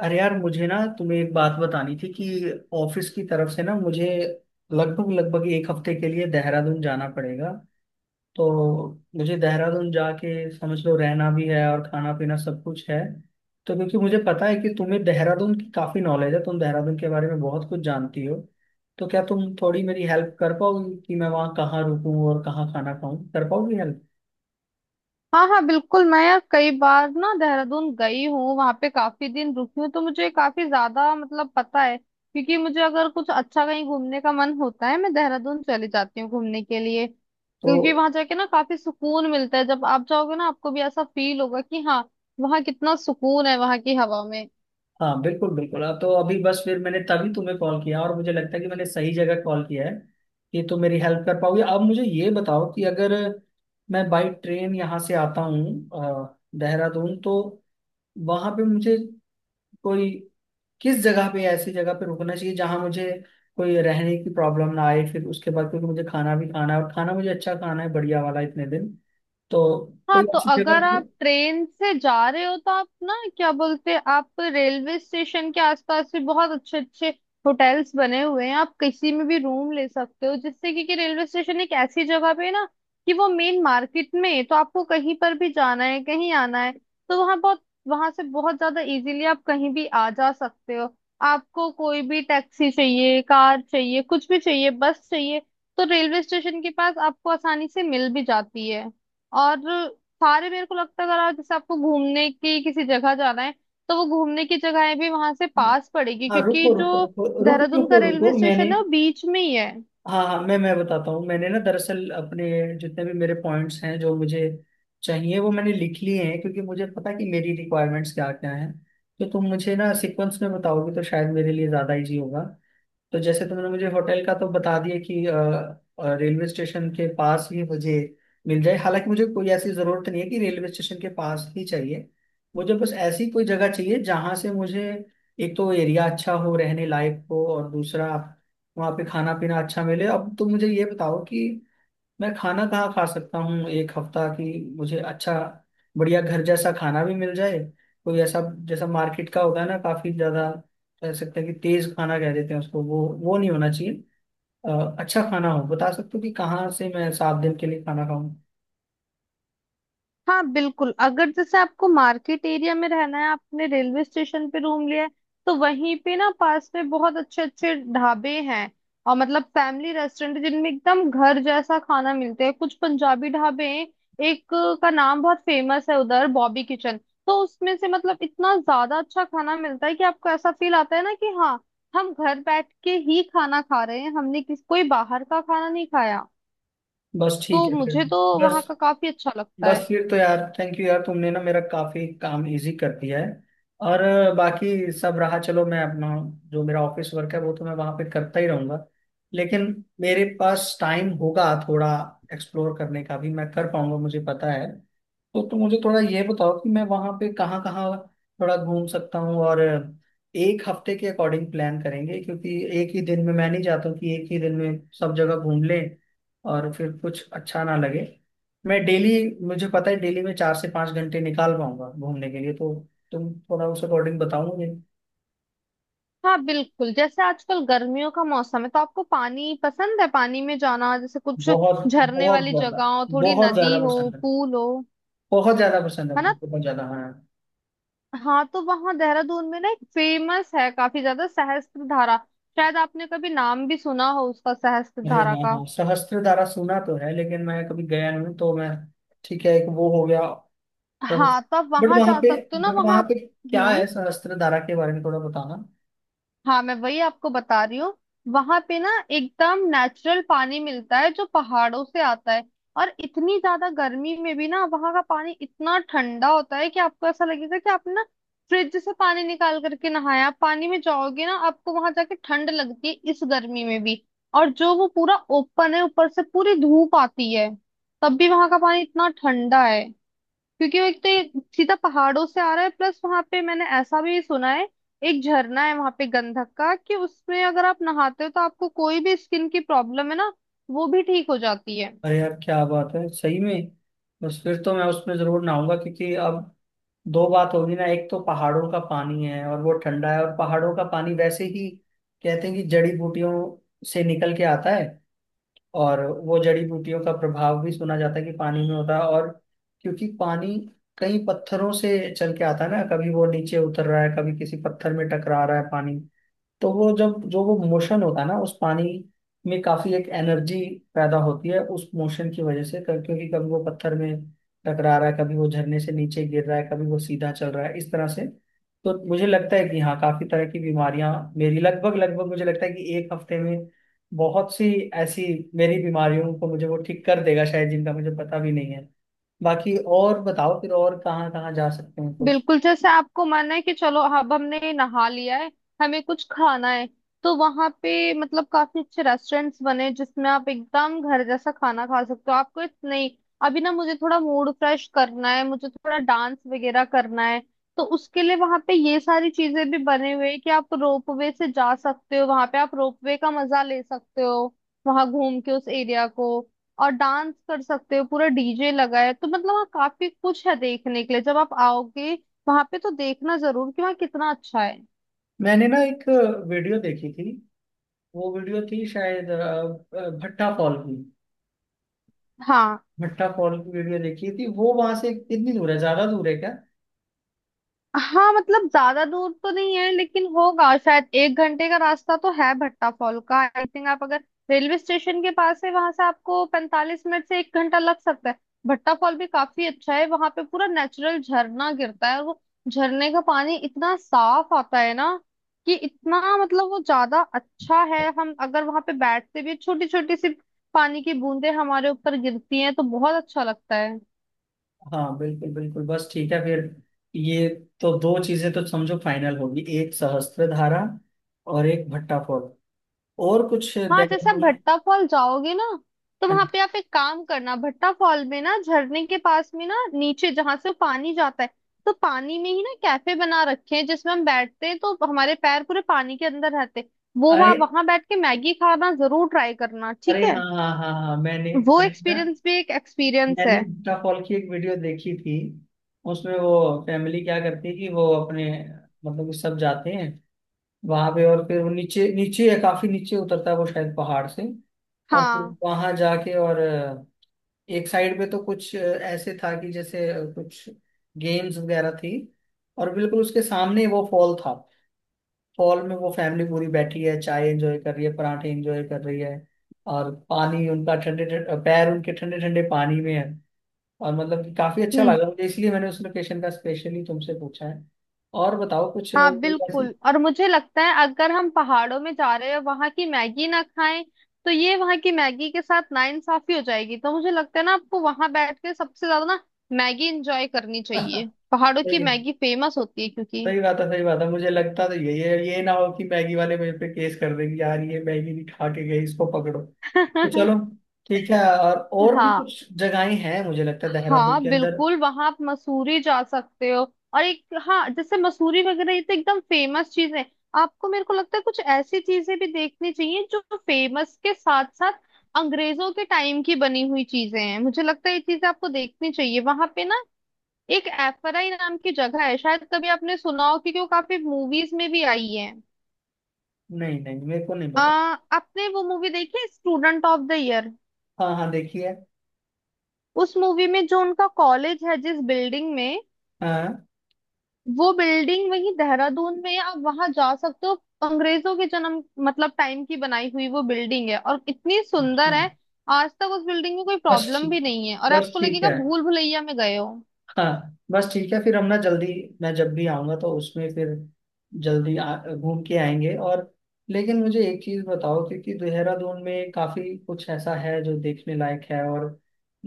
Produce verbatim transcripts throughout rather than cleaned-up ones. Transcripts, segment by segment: अरे यार, मुझे ना तुम्हें एक बात बतानी थी कि ऑफिस की तरफ से ना मुझे लगभग लगभग एक हफ्ते के लिए देहरादून जाना पड़ेगा। तो मुझे देहरादून जाके समझ लो रहना भी है और खाना पीना सब कुछ है। तो क्योंकि मुझे पता है कि तुम्हें देहरादून की काफी नॉलेज है, तुम देहरादून के बारे में बहुत कुछ जानती हो, तो क्या तुम थोड़ी मेरी हेल्प कर पाओगी कि मैं वहाँ कहाँ रुकूं और कहाँ खाना खाऊं? कर पाओगी हेल्प? हाँ, हाँ, बिल्कुल। मैं यार कई बार ना देहरादून गई हूँ, वहां पे काफी दिन रुकी हूँ। तो मुझे काफी ज्यादा मतलब पता है, क्योंकि मुझे अगर कुछ अच्छा कहीं घूमने का मन होता है मैं देहरादून चली जाती हूँ घूमने के लिए, तो क्योंकि वहां जाके ना काफी सुकून मिलता है। जब आप जाओगे ना, आपको भी ऐसा फील होगा कि हाँ, वहाँ कितना सुकून है, वहां की हवा में। हाँ, बिल्कुल बिल्कुल, अब तो अभी बस फिर मैंने तभी तुम्हें कॉल किया और मुझे लगता है कि मैंने सही जगह कॉल किया है कि तुम मेरी हेल्प कर पाओगे। अब मुझे ये बताओ कि अगर मैं बाई ट्रेन यहाँ से आता हूँ अ, देहरादून, तो वहाँ पे मुझे कोई किस जगह पे, ऐसी जगह पे रुकना चाहिए जहाँ मुझे कोई रहने की प्रॉब्लम ना आए। फिर उसके बाद क्योंकि मुझे खाना भी खाना है और खाना मुझे अच्छा खाना है, बढ़िया वाला, इतने दिन। तो हाँ, कोई तो अच्छी जगह अगर पे- आप ट्रेन से जा रहे हो तो आप ना क्या बोलते हैं, आप रेलवे स्टेशन के आसपास भी बहुत अच्छे अच्छे होटल्स बने हुए हैं। आप किसी में भी रूम ले सकते हो, जिससे कि, कि रेलवे स्टेशन एक ऐसी जगह पे है ना, कि वो मेन मार्केट में है। तो आपको कहीं पर भी जाना है, कहीं आना है, तो वहाँ बहुत वहां से बहुत ज्यादा इजीली आप कहीं भी आ जा सकते हो। आपको कोई भी टैक्सी चाहिए, कार चाहिए, कुछ भी चाहिए, बस चाहिए, तो रेलवे स्टेशन के पास आपको आसानी से मिल भी जाती है। और सारे, मेरे को लगता है, अगर आप जैसे आपको घूमने की किसी जगह जाना है तो वो घूमने की जगहें भी वहां से पास पड़ेगी, हाँ क्योंकि रुको रुको जो रुको रुको देहरादून का रुको रुको, रेलवे मैंने स्टेशन है वो बीच में ही है। हाँ हाँ, मैं मैं बताता हूँ। मैंने ना दरअसल अपने जितने भी मेरे पॉइंट्स हैं जो मुझे चाहिए वो मैंने लिख लिए हैं, क्योंकि मुझे पता है कि मेरी रिक्वायरमेंट्स क्या क्या हैं। तो तुम मुझे ना सीक्वेंस में बताओगे तो शायद मेरे लिए ज़्यादा इजी होगा। तो जैसे तुमने मुझे होटल का तो बता दिया कि अ, अ, रेलवे स्टेशन के पास ही मुझे मिल जाए, हालांकि मुझे कोई ऐसी जरूरत नहीं है कि रेलवे स्टेशन के पास ही चाहिए। मुझे बस ऐसी कोई जगह चाहिए जहां से मुझे एक तो एरिया अच्छा हो, रहने लायक हो, और दूसरा वहाँ पे खाना पीना अच्छा मिले। अब तुम मुझे ये बताओ कि मैं खाना कहाँ खा सकता हूँ एक हफ्ता की? मुझे अच्छा बढ़िया घर जैसा खाना भी मिल जाए, कोई ऐसा जैसा मार्केट का होता है ना, काफी ज्यादा कह सकते हैं कि तेज खाना कह देते हैं उसको, वो वो नहीं होना चाहिए। अ, अच्छा खाना हो। बता सकते हो कि कहाँ से मैं सात दिन के लिए खाना खाऊं? हाँ, बिल्कुल। अगर जैसे आपको मार्केट एरिया में रहना है, आपने रेलवे स्टेशन पे रूम लिया है, तो वहीं पे ना पास में बहुत अच्छे अच्छे ढाबे हैं। और मतलब फैमिली रेस्टोरेंट जिनमें एकदम घर जैसा खाना मिलते हैं, कुछ पंजाबी ढाबे हैं। एक का नाम बहुत फेमस है उधर, बॉबी किचन। तो उसमें से मतलब इतना ज्यादा अच्छा खाना मिलता है कि आपको ऐसा फील आता है ना कि हाँ, हम घर बैठ के ही खाना खा रहे हैं, हमने किस कोई बाहर का खाना नहीं खाया। बस ठीक तो है फिर। मुझे तो वहाँ बस का काफी अच्छा लगता बस है। फिर तो यार, थैंक यू यार, तुमने ना मेरा काफी काम इजी कर दिया है। और अ, बाकी सब रहा, चलो मैं अपना जो मेरा ऑफिस वर्क है वो तो मैं वहां पे करता ही रहूंगा, लेकिन मेरे पास टाइम होगा थोड़ा एक्सप्लोर करने का भी, मैं कर पाऊंगा मुझे पता है। तो तुम मुझे थोड़ा ये बताओ कि मैं वहां पे कहाँ कहाँ थोड़ा घूम सकता हूँ, और एक हफ्ते के अकॉर्डिंग प्लान करेंगे, क्योंकि एक ही दिन में मैं नहीं चाहता हूँ कि एक ही दिन में सब जगह घूम लें और फिर कुछ अच्छा ना लगे। मैं डेली, मुझे पता है डेली में चार से पांच घंटे निकाल पाऊंगा घूमने के लिए, तो तुम थोड़ा उस अकॉर्डिंग बताओ मुझे। हाँ, बिल्कुल। जैसे आजकल गर्मियों का मौसम है तो आपको पानी पसंद है, पानी में जाना, जैसे कुछ बहुत झरने बहुत वाली ज्यादा। जगह हो, थोड़ी बहुत ज्यादा नदी हो, पसंद है। पूल हो, बहुत ज्यादा पसंद है है ना? मुझे, बहुत ज्यादा, हाँ। हाँ, तो वहाँ देहरादून में ना एक फेमस है काफी ज्यादा, सहस्त्र धारा। शायद आपने कभी नाम भी सुना हो उसका, सहस्त्र अरे धारा हाँ का। हाँ, सहस्त्रधारा सुना तो है लेकिन मैं कभी गया नहीं हूँ, तो मैं ठीक है, एक वो हो गया। हाँ, तो आप बट वहां वहां जा पे, सकते हो ना, बट वहाँ। वहां पे क्या हम्म है सहस्त्रधारा के बारे में थोड़ा बताना। हाँ, मैं वही आपको बता रही हूँ। वहां पे ना एकदम नेचुरल पानी मिलता है, जो पहाड़ों से आता है। और इतनी ज्यादा गर्मी में भी ना वहां का पानी इतना ठंडा होता है कि आपको ऐसा लगेगा कि आपने ना फ्रिज से पानी निकाल करके नहाया। आप पानी में जाओगे ना, आपको वहां जाके ठंड लगती है इस गर्मी में भी। और जो वो पूरा ओपन है, ऊपर से पूरी धूप आती है, तब भी वहां का पानी इतना ठंडा है, क्योंकि वो एक तो ये सीधा पहाड़ों से आ रहा है। प्लस वहां पे मैंने ऐसा भी सुना है, एक झरना है वहां पे गंधक का, कि उसमें अगर आप नहाते हो तो आपको कोई भी स्किन की प्रॉब्लम है ना, वो भी ठीक हो जाती है। अरे यार क्या बात है, सही में। बस फिर तो मैं उसमें जरूर नहाऊंगा, क्योंकि अब दो बात होगी ना, एक तो पहाड़ों का पानी है और वो ठंडा है, और पहाड़ों का पानी वैसे ही कहते हैं कि जड़ी बूटियों से निकल के आता है, और वो जड़ी बूटियों का प्रभाव भी सुना जाता है कि पानी में होता है। और क्योंकि पानी कई पत्थरों से चल के आता है ना, कभी वो नीचे उतर रहा है, कभी किसी पत्थर में टकरा रहा है पानी, तो वो जब जो वो मोशन होता है ना उस पानी में, काफी एक एनर्जी पैदा होती है उस मोशन की वजह से। क- क्योंकि कभी वो पत्थर में टकरा रहा है, कभी वो झरने से नीचे गिर रहा है, कभी वो सीधा चल रहा है, इस तरह से। तो मुझे लगता है कि हाँ, काफी तरह की बीमारियां मेरी, लगभग लगभग मुझे लगता है कि एक हफ्ते में बहुत सी ऐसी मेरी बीमारियों को मुझे वो ठीक कर देगा शायद, जिनका मुझे पता भी नहीं है। बाकी और बताओ फिर, और कहाँ कहाँ जा सकते हैं कुछ। बिल्कुल, जैसे आपको मन है कि चलो, अब हमने नहा लिया है, हमें कुछ खाना है, तो वहां पे मतलब काफी अच्छे रेस्टोरेंट्स बने हैं, जिसमें आप एकदम घर जैसा खाना खा सकते हो। आपको इत- नहीं, अभी ना मुझे थोड़ा मूड फ्रेश करना है, मुझे थोड़ा डांस वगैरह करना है, तो उसके लिए वहां पे ये सारी चीजें भी बने हुए हैं कि आप रोप वे से जा सकते हो, वहां पे आप रोप वे का मजा ले सकते हो वहां घूम के उस एरिया को। और डांस कर सकते हो, पूरा डीजे लगा है, तो मतलब वहाँ काफी कुछ है देखने के लिए। जब आप आओगे वहां पे, तो देखना जरूर कि वहाँ कितना अच्छा है। मैंने ना एक वीडियो देखी थी, वो वीडियो थी शायद अ, अ, भट्टा फॉल की। हाँ, भट्टा फॉल की वीडियो देखी थी, वो वहां से कितनी दूर है, ज्यादा दूर है क्या? हाँ, मतलब ज्यादा दूर तो नहीं है, लेकिन होगा शायद एक घंटे का रास्ता तो है भट्टा फॉल का, आई थिंक। आप अगर रेलवे स्टेशन के पास है, वहां से आपको पैंतालीस मिनट से एक घंटा लग सकता है। भट्टा फॉल भी काफी अच्छा है, वहां पे पूरा नेचुरल झरना गिरता है, और वो झरने का पानी इतना साफ आता है ना, कि इतना मतलब वो ज्यादा अच्छा है। हम अगर वहां पे बैठते भी, छोटी छोटी सी पानी की बूंदें हमारे ऊपर गिरती हैं तो बहुत अच्छा लगता है। हाँ बिल्कुल बिल्कुल, बस ठीक है फिर। ये तो दो चीजें तो समझो फाइनल होगी, एक सहस्त्रधारा और एक भट्टा फॉल, और कुछ हाँ, जैसे आप देहरादून। भट्टा फॉल जाओगे ना, तो वहां पे आप एक काम करना, भट्टा फॉल में ना झरने के पास में ना, नीचे जहां से पानी जाता है, तो पानी में ही ना कैफे बना रखे हैं, जिसमें हम बैठते हैं तो हमारे पैर पूरे पानी के अंदर रहते हैं। वो अरे वहां वहां बैठ के मैगी खाना जरूर ट्राई करना, ठीक अरे है। हाँ हाँ हाँ हाँ, मैंने वो मैंने ना एक्सपीरियंस भी एक एक्सपीरियंस मैंने है। भट्टा फॉल की एक वीडियो देखी थी। उसमें वो फैमिली क्या करती है कि वो अपने, मतलब कि सब जाते हैं वहां पे, और फिर वो नीचे नीचे या काफी नीचे उतरता है वो शायद पहाड़ से। और फिर हाँ, वहां जाके और अ, एक साइड पे तो कुछ अ, ऐसे था कि जैसे अ, कुछ गेम्स वगैरह थी, और बिल्कुल उसके सामने वो फॉल था। फॉल में वो फैमिली पूरी बैठी है, चाय एंजॉय कर रही है, पराठे एंजॉय कर रही है, और पानी उनका ठंडे ठंडे, पैर उनके ठंडे ठंडे पानी में है, और मतलब कि काफी अच्छा हम्म, लगा मुझे, इसलिए मैंने उस लोकेशन का स्पेशली तुमसे पूछा है। और बताओ कुछ अ, हाँ, कोई ऐसी बिल्कुल। और मुझे लगता है अगर हम पहाड़ों में जा रहे हैं वहां की मैगी ना खाएं, तो ये वहां की मैगी के साथ नाइंसाफी हो जाएगी। तो मुझे लगता है ना, आपको वहां बैठ के सबसे ज्यादा ना मैगी एंजॉय करनी चाहिए, पहाड़ों की सही है, मैगी फेमस होती है क्योंकि सही बात है सही बात है। मुझे लगता तो यही है, ये ना हो कि मैगी वाले मेरे पे केस कर देंगे यार, ये मैगी नहीं खा के गई, इसको पकड़ो, तो चलो ठीक है। और और भी हाँ, कुछ जगहें हैं मुझे लगता है देहरादून हाँ, के अंदर? बिल्कुल। वहां आप मसूरी जा सकते हो। और एक, हाँ, जैसे मसूरी वगैरह, ये तो एकदम फेमस चीज है। आपको, मेरे को लगता है कुछ ऐसी चीजें भी देखनी चाहिए जो फेमस के साथ साथ अंग्रेजों के टाइम की बनी हुई चीजें हैं, मुझे लगता है ये चीजें आपको देखनी चाहिए वहां पे ना। एक एफराई नाम की जगह है, शायद कभी आपने सुना हो, क्योंकि वो काफी मूवीज में भी आई है। नहीं नहीं, मेरे को नहीं आ, पता। आपने वो मूवी देखी स्टूडेंट ऑफ द ईयर? हाँ हाँ देखिए। उस मूवी में जो उनका कॉलेज है, जिस बिल्डिंग में, हाँ। वो बिल्डिंग वही देहरादून में है, आप वहां जा सकते हो। अंग्रेजों के जन्म मतलब टाइम की बनाई हुई वो बिल्डिंग है, और इतनी अच्छा। सुंदर है। आज तक उस बिल्डिंग में कोई बस प्रॉब्लम ठीक, भी नहीं है, और बस आपको ठीक लगेगा है। भूल भुलैया में गए हो। हाँ बस ठीक है फिर हम ना जल्दी, मैं जब भी आऊंगा तो उसमें फिर जल्दी आ- घूम के आएंगे। और लेकिन मुझे एक चीज बताओ, क्योंकि देहरादून में काफी कुछ ऐसा है जो देखने लायक है, और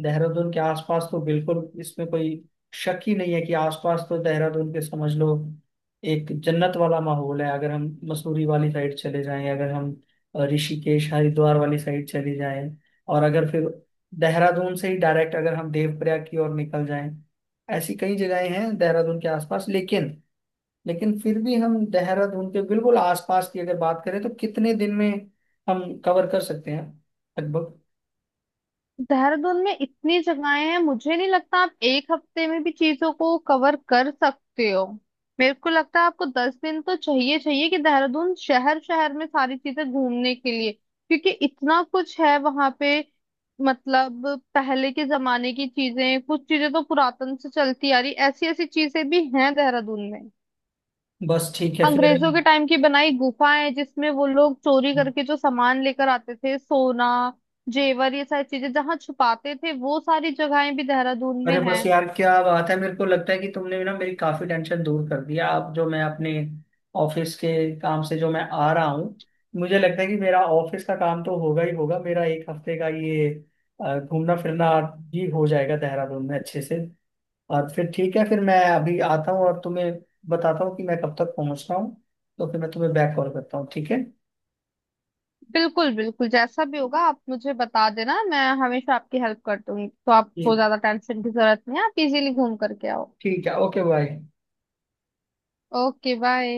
देहरादून के आसपास तो बिल्कुल इसमें कोई शक ही नहीं है कि आसपास तो देहरादून के समझ लो एक जन्नत वाला माहौल है। अगर हम मसूरी वाली साइड चले जाएं, अगर हम अ, ऋषिकेश हरिद्वार वाली साइड चले जाएं, और अगर फिर देहरादून से ही डायरेक्ट अगर हम देवप्रयाग की ओर निकल जाएं, ऐसी कई जगहें हैं देहरादून के आसपास। लेकिन लेकिन फिर भी हम देहरादून के बिल्कुल आसपास की अगर बात करें तो कितने दिन में हम कवर कर सकते हैं लगभग? देहरादून में इतनी जगहें हैं, मुझे नहीं लगता आप एक हफ्ते में भी चीजों को कवर कर सकते हो। मेरे को लगता है आपको दस दिन तो चाहिए, चाहिए कि देहरादून शहर, शहर में सारी चीजें घूमने के लिए, क्योंकि इतना कुछ है वहां पे। मतलब पहले के जमाने की चीजें, कुछ चीजें तो पुरातन से चलती आ रही, ऐसी ऐसी चीजें भी हैं देहरादून में। बस ठीक है फिर। अंग्रेजों के टाइम की बनाई गुफाएं, जिसमें वो लोग चोरी करके जो सामान लेकर आते थे, सोना, जेवर, ये सारी चीजें जहाँ छुपाते थे, वो सारी जगहें भी देहरादून में अरे बस हैं। यार, क्या बात है, मेरे को लगता है कि तुमने ना मेरी काफी टेंशन दूर कर दिया। अब जो मैं अपने ऑफिस के काम से जो मैं आ रहा हूँ, मुझे लगता है कि मेरा ऑफिस का काम तो होगा ही होगा, मेरा एक हफ्ते का ये अ, घूमना फिरना भी हो जाएगा देहरादून में अच्छे से। और फिर ठीक है, फिर मैं अभी आता हूँ और तुम्हें बताता हूँ कि मैं कब तक पहुँच रहा हूँ, तो फिर मैं तुम्हें बैक कॉल करता हूँ ठीक है? बिल्कुल, बिल्कुल, जैसा भी होगा आप मुझे बता देना, मैं हमेशा आपकी हेल्प कर दूंगी। तो आपको जी ज्यादा टेंशन की जरूरत नहीं है, आप इजीली घूम करके आओ। ठीक है, ओके बाय। Okay, bye.